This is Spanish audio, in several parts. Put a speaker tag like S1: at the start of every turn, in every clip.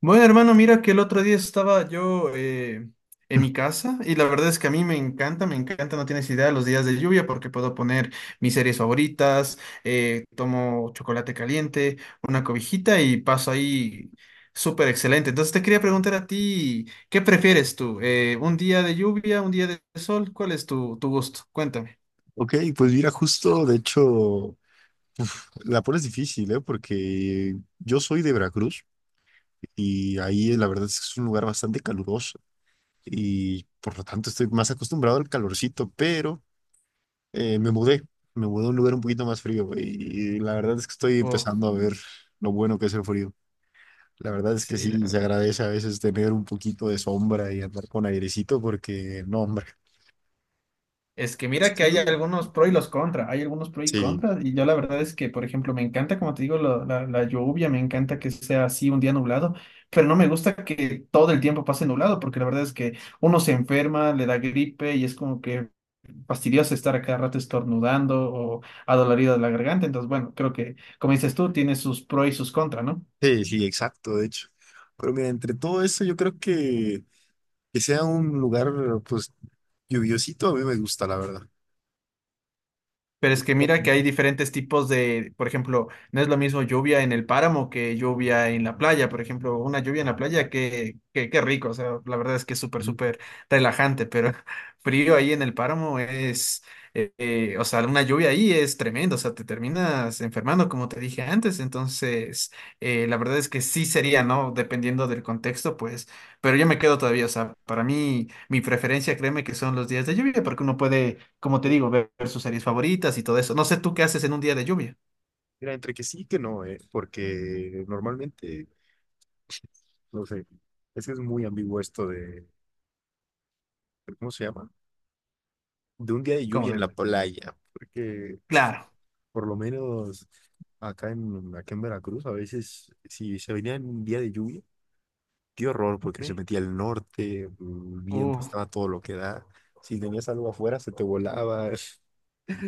S1: Bueno, hermano, mira que el otro día estaba yo en mi casa y la verdad es que a mí me encanta, no tienes idea, los días de lluvia porque puedo poner mis series favoritas, tomo chocolate caliente, una cobijita y paso ahí súper excelente. Entonces te quería preguntar a ti, ¿qué prefieres tú? ¿Un día de lluvia, un día de sol? ¿Cuál es tu gusto? Cuéntame.
S2: Ok, pues mira, justo, de hecho, la pones difícil, ¿eh? Porque yo soy de Veracruz y ahí la verdad es que es un lugar bastante caluroso y por lo tanto estoy más acostumbrado al calorcito, pero eh, me mudé, me mudé a un lugar un poquito más frío y, la verdad es que estoy
S1: Oh,
S2: empezando a ver lo bueno que es el frío. La verdad es que
S1: sí, la
S2: sí, se
S1: verdad.
S2: agradece a veces tener un poquito de sombra y andar con airecito porque, no, hombre,
S1: Es que mira que
S2: así,
S1: hay algunos pro y los contra, hay algunos pro y
S2: sí.
S1: contra, y yo la verdad es que, por ejemplo, me encanta, como te digo, la lluvia, me encanta que sea así un día nublado, pero no me gusta que todo el tiempo pase nublado, porque la verdad es que uno se enferma, le da gripe y es como que fastidioso estar a cada rato estornudando o adolorido de la garganta, entonces bueno, creo que, como dices tú, tiene sus pro y sus contra, ¿no?
S2: Sí, sí, exacto, de hecho. Pero mira, entre todo eso, yo creo que sea un lugar, pues, lluviosito, a mí me gusta, la verdad.
S1: Pero es que mira que hay diferentes tipos de, por ejemplo, no es lo mismo lluvia en el páramo que lluvia en la playa. Por ejemplo, una lluvia en
S2: Ah,
S1: la playa,
S2: claro.
S1: que qué rico. O sea, la verdad es que es súper, súper relajante, pero frío ahí en el páramo es, o sea, una lluvia ahí es tremendo. O sea, te terminas enfermando, como te dije antes. Entonces, la verdad es que sí sería, ¿no? Dependiendo del contexto, pues pero yo me quedo todavía, o sea, para mí, mi preferencia, créeme que son los días de lluvia, porque uno puede, como te
S2: Eh,
S1: digo, ver sus series favoritas y todo eso. No sé tú qué haces en un día de lluvia.
S2: Mira, entre que sí y que no, porque normalmente, no sé, es que es muy ambiguo esto ¿cómo se llama? De un día de
S1: Como
S2: lluvia en
S1: de,
S2: la playa, porque
S1: claro.
S2: por lo menos acá en Veracruz, a veces, si se venía en un día de lluvia, qué horror,
S1: Ok.
S2: porque se metía al norte, el viento
S1: Uh.
S2: estaba todo lo que da. Si tenías algo afuera, se te volaba.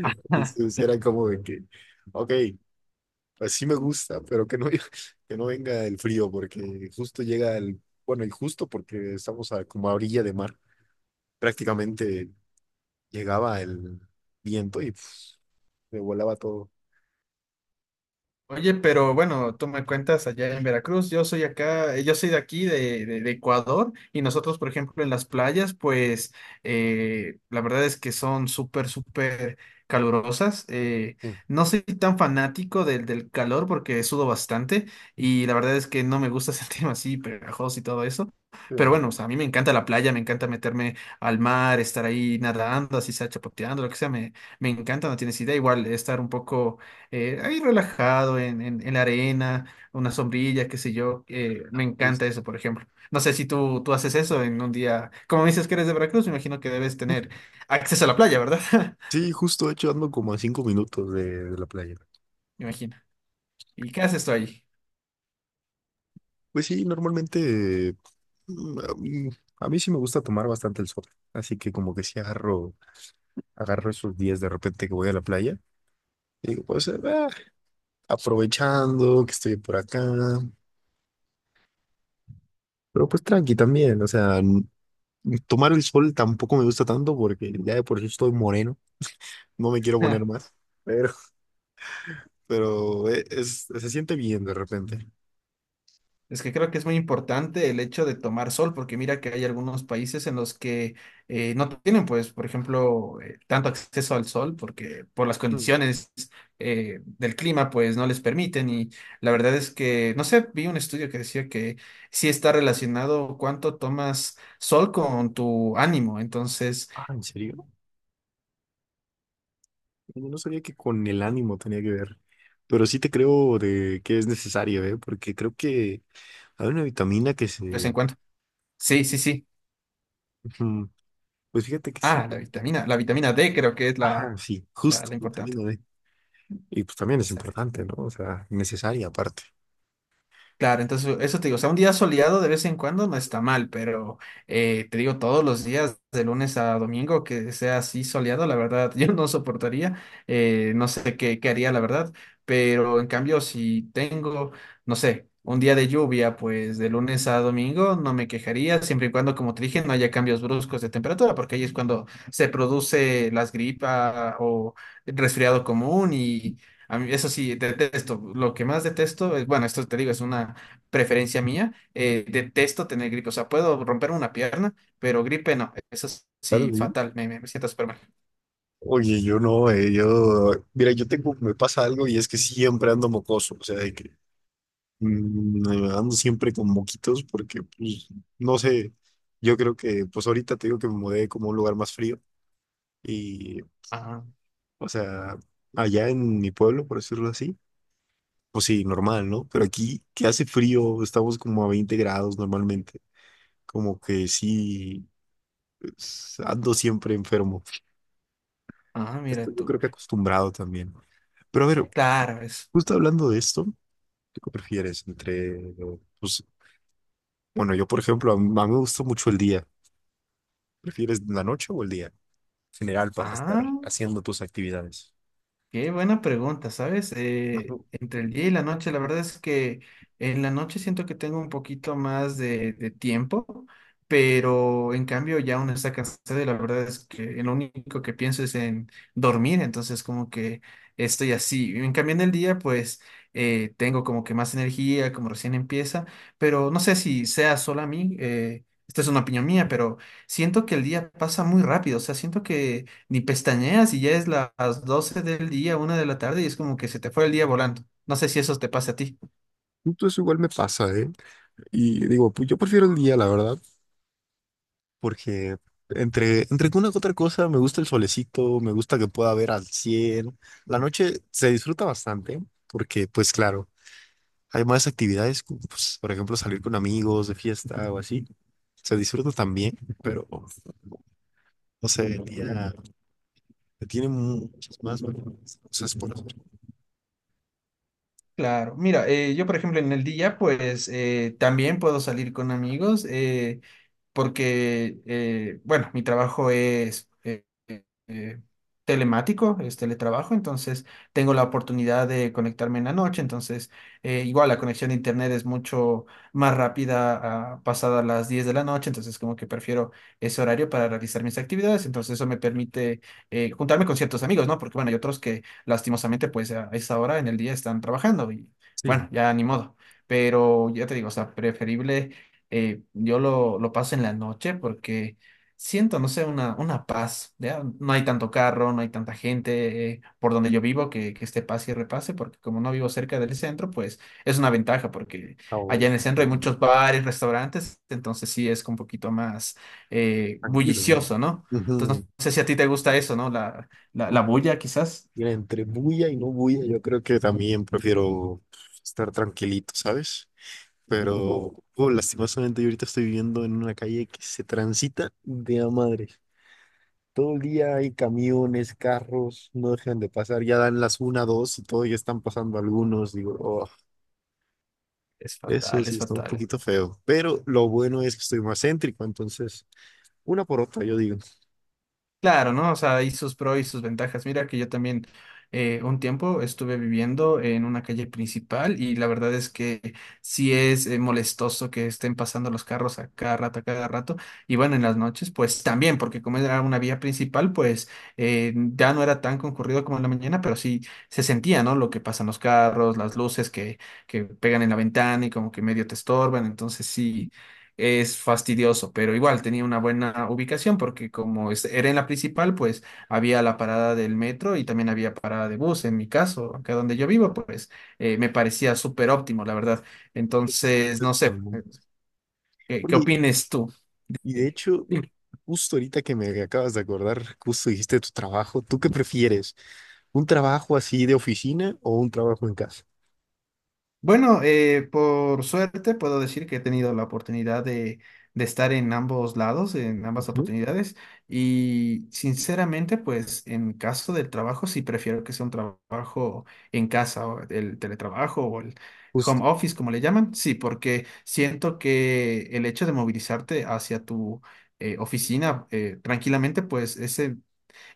S2: Entonces era como de que, ok, así me gusta, pero que no, que no venga el frío, porque justo bueno, y justo porque estamos a, como a orilla de mar, prácticamente llegaba el viento y pf, me volaba todo.
S1: Oye, pero bueno, tú me cuentas allá en Veracruz, yo soy acá, yo soy de aquí, de Ecuador, y nosotros, por ejemplo, en las playas, pues la verdad es que son súper, súper calurosas.
S2: Sí,
S1: No soy tan fanático del calor porque sudo bastante y la verdad es que no me gusta sentirme así pegajoso y todo eso. Pero
S2: sí,
S1: bueno, o sea, a mí me encanta la playa, me encanta meterme al mar, estar ahí nadando, así sea chapoteando, lo que sea, me encanta, no tienes idea, igual estar un poco ahí relajado en, en la arena, una sombrilla, qué sé yo. Me encanta
S2: justo.
S1: eso, por ejemplo. No sé si tú haces eso en un día. Como me dices que eres de Veracruz, me imagino que debes tener acceso a la playa, ¿verdad?
S2: Sí, justo, de hecho, ando como a 5 minutos de la playa.
S1: Me imagino. ¿Y qué haces tú ahí?
S2: Pues sí, normalmente mm, a mm, a mí sí me gusta tomar bastante el sol, así que como que sí agarro esos días de repente que voy a la playa, y digo, pues aprovechando que estoy por acá, pero pues tranqui también, o sea, tomar el sol tampoco me gusta tanto porque ya de por sí estoy moreno, no me quiero poner más, pero, pero se siente bien de repente.
S1: Es que creo que es muy importante el hecho de tomar sol, porque mira que hay algunos países en los que no tienen, pues, por ejemplo, tanto acceso al sol, porque por las
S2: Mm.
S1: condiciones del clima, pues, no les permiten. Y la verdad es que, no sé, vi un estudio que decía que sí está relacionado cuánto tomas sol con tu ánimo. Entonces,
S2: Ah, ¿en serio? Yo no sabía que con el ánimo tenía que ver, pero sí te creo de que es necesario, ¿eh? Porque creo que hay una vitamina que
S1: pues, en
S2: se...
S1: cuanto... Sí, sí, sí.
S2: Ujú. Pues fíjate que sí.
S1: Ah, la vitamina, la vitamina D creo que es
S2: Ajá,
S1: la,
S2: sí,
S1: la,
S2: justo,
S1: la importante.
S2: vitamina D. Y pues también es
S1: ¿Sabes?
S2: importante, ¿no? O sea, necesaria aparte.
S1: Claro, entonces eso te digo, o sea, un día soleado de vez en cuando no está mal, pero te digo, todos los días, de lunes a domingo, que sea así soleado, la verdad, yo no soportaría, no sé qué haría, la verdad, pero en cambio, si tengo, no sé, un día de lluvia, pues de lunes a domingo no me quejaría, siempre y cuando, como te dije, no haya cambios bruscos de temperatura, porque ahí es cuando se produce las gripas o resfriado común y a mí, eso sí, detesto. Lo que más detesto es, bueno, esto te digo, es una preferencia mía. Detesto tener gripe. O sea, puedo romper una pierna, pero gripe no. Eso
S2: Claro,
S1: sí,
S2: sí.
S1: fatal. Me siento súper mal.
S2: Oye, yo no, yo... Mira, yo tengo, me pasa algo y es que siempre ando mocoso, o sea, de que mm, ando siempre con moquitos porque, pues, no sé, yo creo que, pues ahorita te digo que me mudé como a un lugar más frío. Y
S1: Ah,
S2: O sea, allá en mi pueblo, por decirlo así, pues sí, normal, ¿no? Pero aquí, que hace frío, estamos como a 20 grados normalmente. Como que sí, pues, ando siempre enfermo.
S1: mira
S2: Estoy, yo
S1: tú.
S2: creo que acostumbrado también. Pero a ver,
S1: Claro, es.
S2: justo hablando de esto, ¿tú qué prefieres entre, pues, bueno, yo por ejemplo, a mí, me gusta mucho el día. ¿Prefieres la noche o el día? En general, para estar
S1: Ah.
S2: haciendo tus actividades.
S1: Qué buena pregunta, ¿sabes?
S2: Ujú.
S1: Entre el día y la noche, la verdad es que en la noche siento que tengo un poquito más de tiempo, pero en cambio ya uno está cansado y la verdad es que en lo único que pienso es en dormir, entonces como que estoy así. En cambio en el día, pues tengo como que más energía, como recién empieza, pero no sé si sea solo a mí, esta es una opinión mía, pero siento que el día pasa muy rápido, o sea, siento que ni pestañeas y ya es las 12 del día, una de la tarde y es como que se te fue el día volando. No sé si eso te pasa a ti.
S2: Justo eso igual me pasa, ¿eh? Y digo, pues yo prefiero el día, la verdad. Porque entre que una que otra cosa, me gusta el solecito, me gusta que pueda ver al cielo. La noche se disfruta bastante, porque pues claro, hay más actividades, como, pues, por ejemplo, salir con amigos de fiesta o así. Se disfruta también, pero no sé, el día tiene muchas más cosas por hacer.
S1: Claro, mira, yo por ejemplo en el día pues también puedo salir con amigos. Porque, bueno, mi trabajo es telemático, es teletrabajo, entonces tengo la oportunidad de conectarme en la noche, entonces igual la conexión de internet es mucho más rápida a, pasadas las 10 de la noche, entonces como que prefiero ese horario para realizar mis actividades, entonces eso me permite juntarme con ciertos amigos, ¿no? Porque bueno, hay otros que lastimosamente pues a esa hora en el día están trabajando y bueno,
S2: Sí.
S1: ya ni modo. Pero ya te digo, o sea, preferible yo lo paso en la noche porque siento, no sé, una paz. ¿Ya? No hay tanto carro, no hay tanta gente por donde yo vivo que esté pase y repase, porque como no vivo cerca del centro, pues es una ventaja, porque
S2: O
S1: allá en el centro hay muchos bares, restaurantes, entonces sí es un poquito más
S2: tranquilos, ¿no?
S1: bullicioso, ¿no? Entonces
S2: Ujú.
S1: no sé si a ti te gusta eso, ¿no? La
S2: Ujú.
S1: bulla quizás.
S2: Mira, entre bulla y no bulla, yo creo que también prefiero estar tranquilito, ¿sabes? Pero, oh, lastimosamente yo ahorita estoy viviendo en una calle que se transita de a madre. Todo el día hay camiones, carros, no dejan de pasar, ya dan las una, dos y todo, ya están pasando algunos. Digo, oh,
S1: Es
S2: eso
S1: fatal,
S2: sí
S1: es
S2: está un
S1: fatal.
S2: poquito feo. Pero lo bueno es que estoy más céntrico, entonces, una por otra, yo digo.
S1: Claro, ¿no? O sea, y sus pros y sus ventajas. Mira que yo también un tiempo estuve viviendo en una calle principal y la verdad es que sí es molestoso que estén pasando los carros a cada rato, a cada rato. Y bueno, en las noches, pues también, porque como era una vía principal, pues ya no era tan concurrido como en la mañana, pero sí se sentía, ¿no? Lo que pasan los carros, las luces que pegan en la ventana y como que medio te estorban. Entonces sí es fastidioso, pero igual tenía una buena ubicación porque como era en la principal, pues había la parada del metro y también había parada de bus. En mi caso, acá donde yo vivo, pues me parecía súper óptimo, la verdad. Entonces,
S2: Eso
S1: no sé,
S2: también.
S1: ¿qué, qué
S2: Oye,
S1: opines tú?
S2: y de hecho,
S1: Dime.
S2: justo ahorita que me acabas de acordar, justo dijiste tu trabajo, ¿tú qué prefieres? ¿Un trabajo así de oficina o un trabajo en casa?
S1: Bueno, por suerte puedo decir que he tenido la oportunidad de estar en ambos lados, en ambas
S2: Ujú,
S1: oportunidades, y sinceramente, pues en caso del trabajo, sí prefiero que sea un trabajo en casa, o el teletrabajo o el
S2: justo.
S1: home office, como le llaman, sí, porque siento que el hecho de movilizarte hacia tu oficina tranquilamente, pues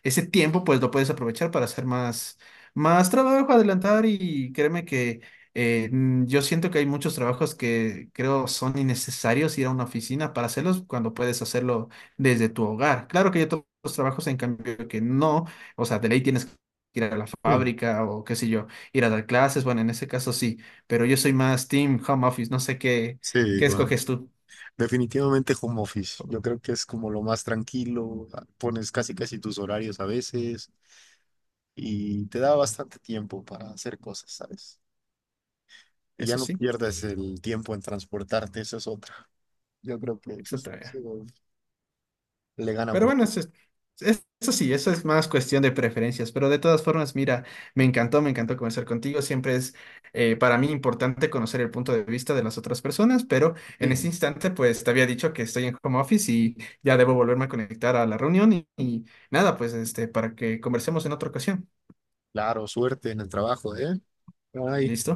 S1: ese tiempo pues lo puedes aprovechar para hacer más, más trabajo, adelantar y créeme que yo siento que hay muchos trabajos que creo son innecesarios ir a una oficina para hacerlos cuando puedes hacerlo desde tu hogar. Claro que hay otros trabajos en cambio que no, o sea, de ley tienes que ir a la
S2: Sí.
S1: fábrica o qué sé yo, ir a dar clases, bueno, en ese caso sí, pero yo soy más team home office, no sé qué,
S2: Sí,
S1: qué
S2: igual.
S1: escoges tú.
S2: Definitivamente home office. Yo creo que es como lo más tranquilo. Pones casi casi tus horarios a veces y te da bastante tiempo para hacer cosas, ¿sabes? Y ya
S1: Eso
S2: no
S1: sí,
S2: pierdes el tiempo en transportarte, eso es otra. Yo creo que
S1: eso te
S2: pues,
S1: veo.
S2: eso le gana
S1: Pero
S2: por...
S1: bueno, eso, eso sí, eso es más cuestión de preferencias, pero de todas formas, mira, me encantó conversar contigo. Siempre es para mí importante conocer el punto de vista de las otras personas, pero en este
S2: Sí,
S1: instante, pues te había dicho que estoy en home office y ya debo volverme a conectar a la reunión y nada, pues este, para que conversemos en otra ocasión.
S2: claro, suerte en el trabajo, ¿eh? Ay.
S1: ¿Listo?